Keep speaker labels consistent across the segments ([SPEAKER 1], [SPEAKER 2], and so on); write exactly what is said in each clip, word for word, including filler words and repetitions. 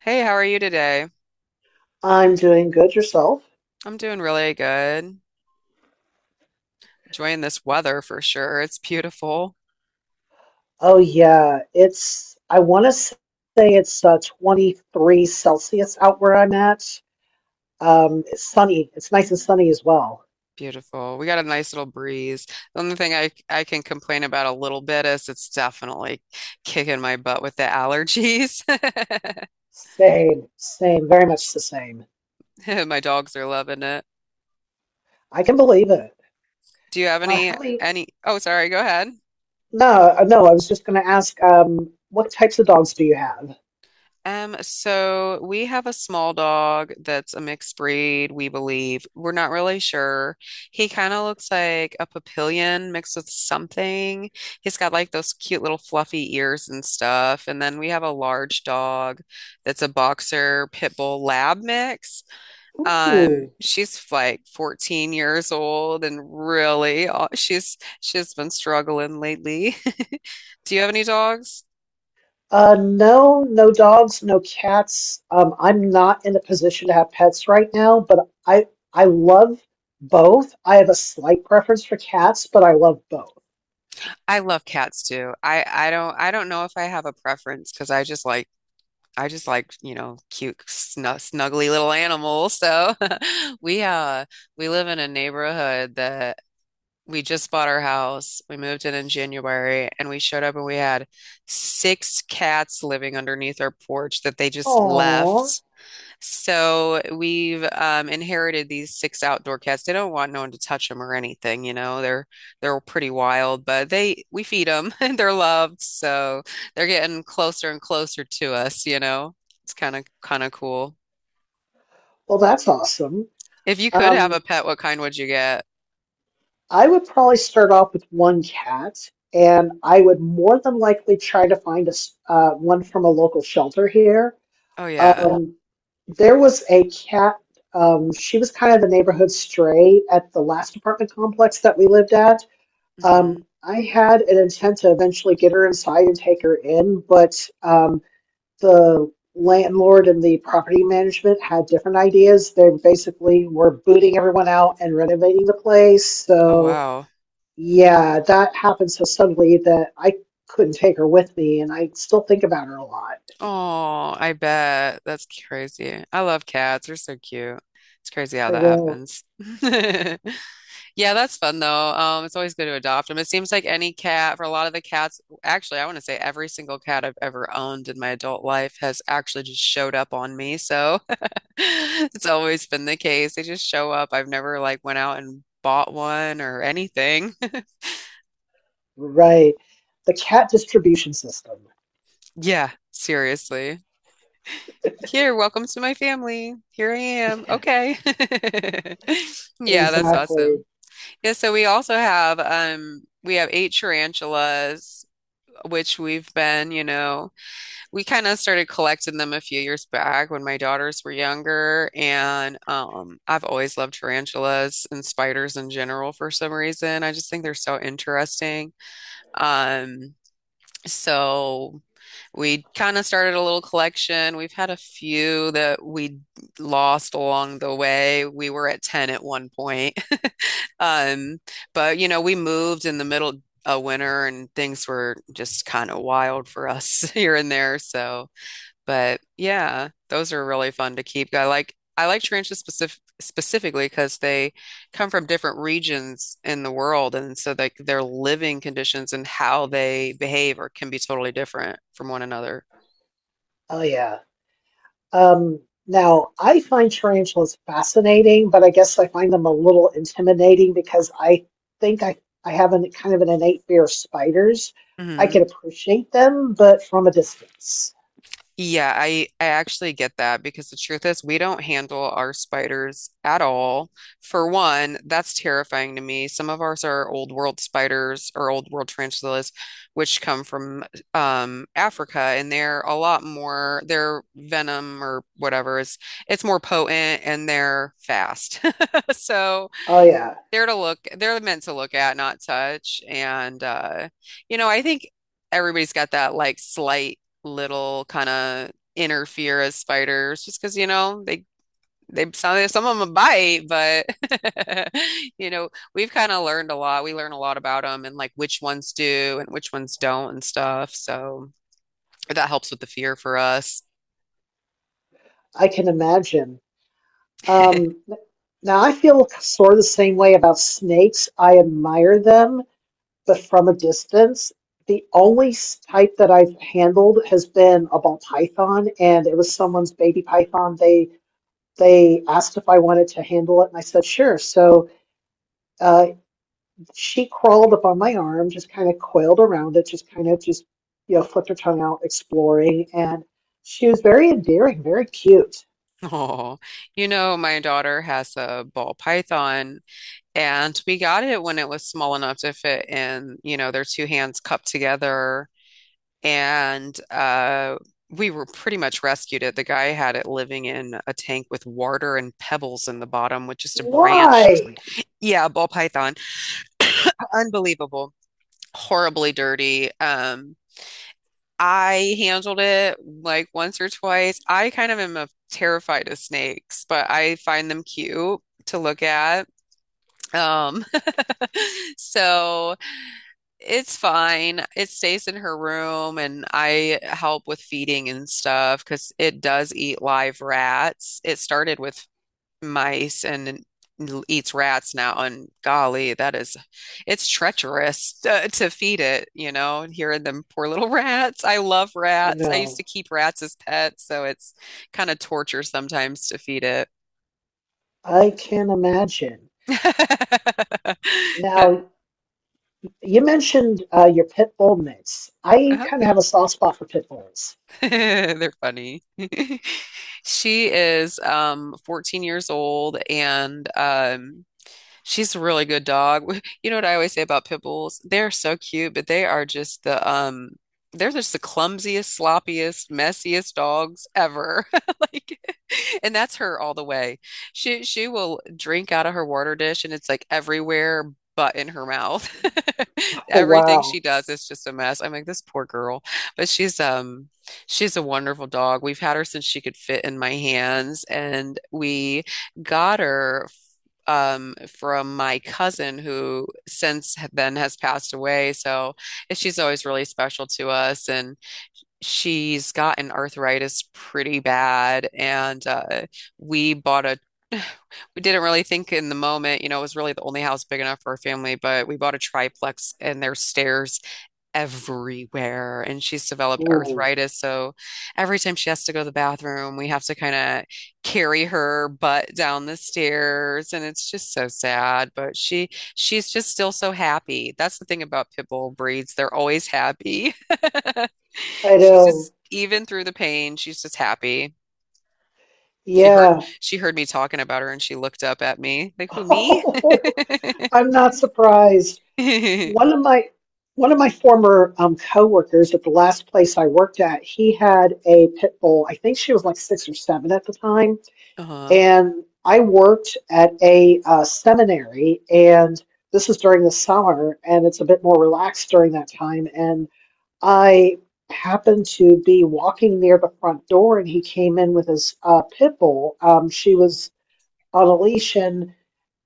[SPEAKER 1] Hey, how are you today?
[SPEAKER 2] I'm doing good yourself.
[SPEAKER 1] I'm doing really good. Enjoying this weather for sure. It's beautiful.
[SPEAKER 2] Oh yeah, it's I want to say it's uh, twenty-three Celsius out where I'm at. Um, it's sunny. It's nice and sunny as well.
[SPEAKER 1] Beautiful. We got a nice little breeze. The only thing I I can complain about a little bit is it's definitely kicking my butt with the allergies.
[SPEAKER 2] Same, same, very much the same.
[SPEAKER 1] My dogs are loving it.
[SPEAKER 2] I can believe it.
[SPEAKER 1] Do you have
[SPEAKER 2] Uh,
[SPEAKER 1] any
[SPEAKER 2] how many?
[SPEAKER 1] any Oh, sorry, go ahead.
[SPEAKER 2] No, uh, no. I was just going to ask, um, what types of dogs do you have?
[SPEAKER 1] Um, so we have a small dog that's a mixed breed, we believe. We're not really sure. He kind of looks like a papillion mixed with something. He's got like those cute little fluffy ears and stuff. And then we have a large dog that's a boxer pit bull lab mix. Um,
[SPEAKER 2] Ooh.
[SPEAKER 1] she's like fourteen years old and really, uh, she's she's been struggling lately. Do you have any dogs?
[SPEAKER 2] Uh, no, no dogs, no cats. Um, I'm not in a position to have pets right now, but I I love both. I have a slight preference for cats, but I love both.
[SPEAKER 1] I love cats too. I I don't I don't know if I have a preference because I just like I just like you know cute snug, snuggly little animals. So we uh we live in a neighborhood that we just bought our house. We moved in in January and we showed up and we had six cats living underneath our porch that they just
[SPEAKER 2] Aw,
[SPEAKER 1] left. So we've um, inherited these six outdoor cats. They don't want no one to touch them or anything, you know. They're they're pretty wild, but they we feed them and they're loved, so they're getting closer and closer to us, you know. It's kind of kind of cool.
[SPEAKER 2] well, that's awesome.
[SPEAKER 1] If you could have a
[SPEAKER 2] Um,
[SPEAKER 1] pet, what kind would you get?
[SPEAKER 2] I would probably start off with one cat, and I would more than likely try to find a s- uh, one from a local shelter here.
[SPEAKER 1] Oh, yeah.
[SPEAKER 2] Um, there was a cat. Um, she was kind of the neighborhood stray at the last apartment complex that we lived at.
[SPEAKER 1] Hmm.
[SPEAKER 2] Um, I had an intent to eventually get her inside and take her in, but um, the landlord and the property management had different ideas. They basically were booting everyone out and renovating the place.
[SPEAKER 1] Oh,
[SPEAKER 2] So,
[SPEAKER 1] wow.
[SPEAKER 2] yeah, that happened so suddenly that I couldn't take her with me, and I still think about her a lot.
[SPEAKER 1] Oh, I bet. That's crazy. I love cats. They're so cute. It's crazy how
[SPEAKER 2] I
[SPEAKER 1] that
[SPEAKER 2] know,
[SPEAKER 1] happens. Yeah, that's fun though. Um, it's always good to adopt them. It seems like any cat, for a lot of the cats, actually, I want to say every single cat I've ever owned in my adult life has actually just showed up on me. So it's always been the case. They just show up. I've never like went out and bought one or anything.
[SPEAKER 2] right. The cat distribution system.
[SPEAKER 1] Yeah, seriously. Here, welcome to my family. Here I am. Okay. Yeah, that's
[SPEAKER 2] Exactly.
[SPEAKER 1] awesome. Yeah, so we also have um we have eight tarantulas, which we've been, you know. We kind of started collecting them a few years back when my daughters were younger, and um, I've always loved tarantulas and spiders in general for some reason. I just think they're so interesting. Um, so we kind of started a little collection. We've had a few that we lost along the way. We were at ten at one point. Um, but you know, we moved in the middle of winter and things were just kind of wild for us here and there. So but yeah, those are really fun to keep. I like I like tarantulas specific, specifically because they come from different regions in the world, and so like their living conditions and how they behave are can be totally different from one another.
[SPEAKER 2] Oh, yeah. Um, Now, I find tarantulas fascinating, but I guess I find them a little intimidating because I think I, I have an kind of an innate fear of spiders. I can appreciate them, but from a distance.
[SPEAKER 1] Yeah, I I actually get that because the truth is we don't handle our spiders at all. For one, that's terrifying to me. Some of ours are old world spiders or old world tarantulas, which come from um, Africa, and they're a lot more. Their venom or whatever is it's more potent and they're fast. So
[SPEAKER 2] Oh, yeah,
[SPEAKER 1] they're to look, they're meant to look at, not touch. And uh, you know, I think everybody's got that like slight little kind of inner fear as spiders, just because, you know, they they some some of them bite, but you know, we've kind of learned a lot. We learn a lot about them and like which ones do and which ones don't and stuff. So that helps with the fear for us.
[SPEAKER 2] I can imagine. Um, Now, I feel sort of the same way about snakes. I admire them, but from a distance. The only type that I've handled has been a ball python, and it was someone's baby python. They they asked if I wanted to handle it, and I said, sure. So uh, she crawled up on my arm, just kind of coiled around it, just kind of just, you know, flipped her tongue out, exploring. And she was very endearing, very cute.
[SPEAKER 1] Oh, you know, my daughter has a ball python. And we got it when it was small enough to fit in, you know, their two hands cupped together. And uh, we were pretty much rescued it. The guy had it living in a tank with water and pebbles in the bottom with just a branched,
[SPEAKER 2] Why?
[SPEAKER 1] yeah, ball python. Unbelievable. Horribly dirty. Um, I handled it like once or twice. I kind of am a, terrified of snakes, but I find them cute to look at. Um, so it's fine. It stays in her room, and I help with feeding and stuff because it does eat live rats. It started with mice and eats rats now. And golly, that is, it's treacherous to, to feed it, you know, and hearing them poor little rats. I love
[SPEAKER 2] I
[SPEAKER 1] rats. I used
[SPEAKER 2] know.
[SPEAKER 1] to keep rats as pets, so it's kind of torture sometimes to feed it.
[SPEAKER 2] I can imagine. Now, you mentioned uh, your pit bull mix. I
[SPEAKER 1] Uh-huh.
[SPEAKER 2] kind of have a soft spot for pit bulls.
[SPEAKER 1] They're funny. She is um fourteen years old and um she's a really good dog. We- You know what I always say about pit bulls? They're so cute, but they are just the um they're just the clumsiest, sloppiest, messiest dogs ever. Like and that's her all the way. She she will drink out of her water dish and it's like everywhere but in her mouth.
[SPEAKER 2] Oh,
[SPEAKER 1] Everything
[SPEAKER 2] wow.
[SPEAKER 1] she does is just a mess. I'm like, this poor girl. But she's um she's a wonderful dog. We had her since she could fit in my hands and we got her um, from my cousin who since then has passed away. So she's always really special to us. And she's gotten arthritis pretty bad. And uh, we bought a we didn't really think in the moment, you know, it was really the only house big enough for our family, but we bought a triplex and there's stairs everywhere and she's developed
[SPEAKER 2] Ooh,
[SPEAKER 1] arthritis. So every time she has to go to the bathroom, we have to kind of carry her butt down the stairs and it's just so sad, but she she's just still so happy. That's the thing about pit bull breeds. They're always happy.
[SPEAKER 2] I
[SPEAKER 1] She's
[SPEAKER 2] know.
[SPEAKER 1] just even through the pain, she's just happy. She heard
[SPEAKER 2] Yeah.
[SPEAKER 1] she heard me talking about her and she looked up at me like, "Who, me?"
[SPEAKER 2] Oh, I'm not surprised. One of my one of my former um, coworkers at the last place I worked at, he had a pit bull. I think she was like six or seven at the time.
[SPEAKER 1] Uh-huh.
[SPEAKER 2] And I worked at a uh, seminary, and this is during the summer, and it's a bit more relaxed during that time. And I happened to be walking near the front door, and he came in with his uh, pit bull. Um, she was on a leash, and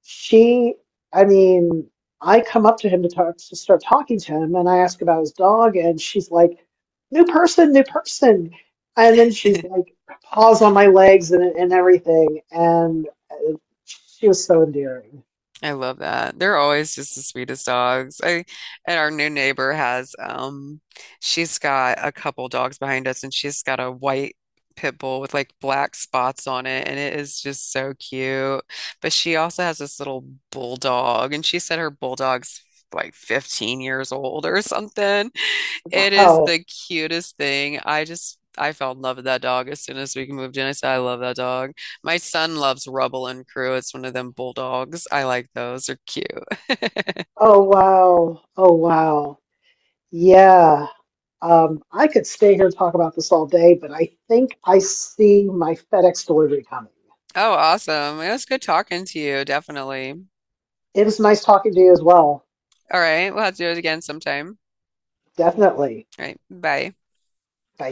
[SPEAKER 2] she, I mean, I come up to him to talk to start talking to him, and I ask about his dog, and she's like, "New person, new person," and then she's like, paws on my legs and and everything, and uh, she was so endearing.
[SPEAKER 1] I love that. They're always just the sweetest dogs. I and our new neighbor has um she's got a couple dogs behind us and she's got a white pit bull with like black spots on it and it is just so cute. But she also has this little bulldog and she said her bulldog's like fifteen years old or something. It is
[SPEAKER 2] Wow.
[SPEAKER 1] the cutest thing. I just I fell in love with that dog as soon as we moved in. I said I love that dog. My son loves Rubble and Crew. It's one of them bulldogs. I like those. They're cute.
[SPEAKER 2] Oh wow. Oh wow. Yeah. Um, I could stay here and talk about this all day, but I think I see my FedEx delivery coming.
[SPEAKER 1] Oh, awesome. It was good talking to you, definitely.
[SPEAKER 2] It was nice talking to you as well.
[SPEAKER 1] All right, we'll have to do it again sometime.
[SPEAKER 2] Definitely.
[SPEAKER 1] All right, bye.
[SPEAKER 2] Bye.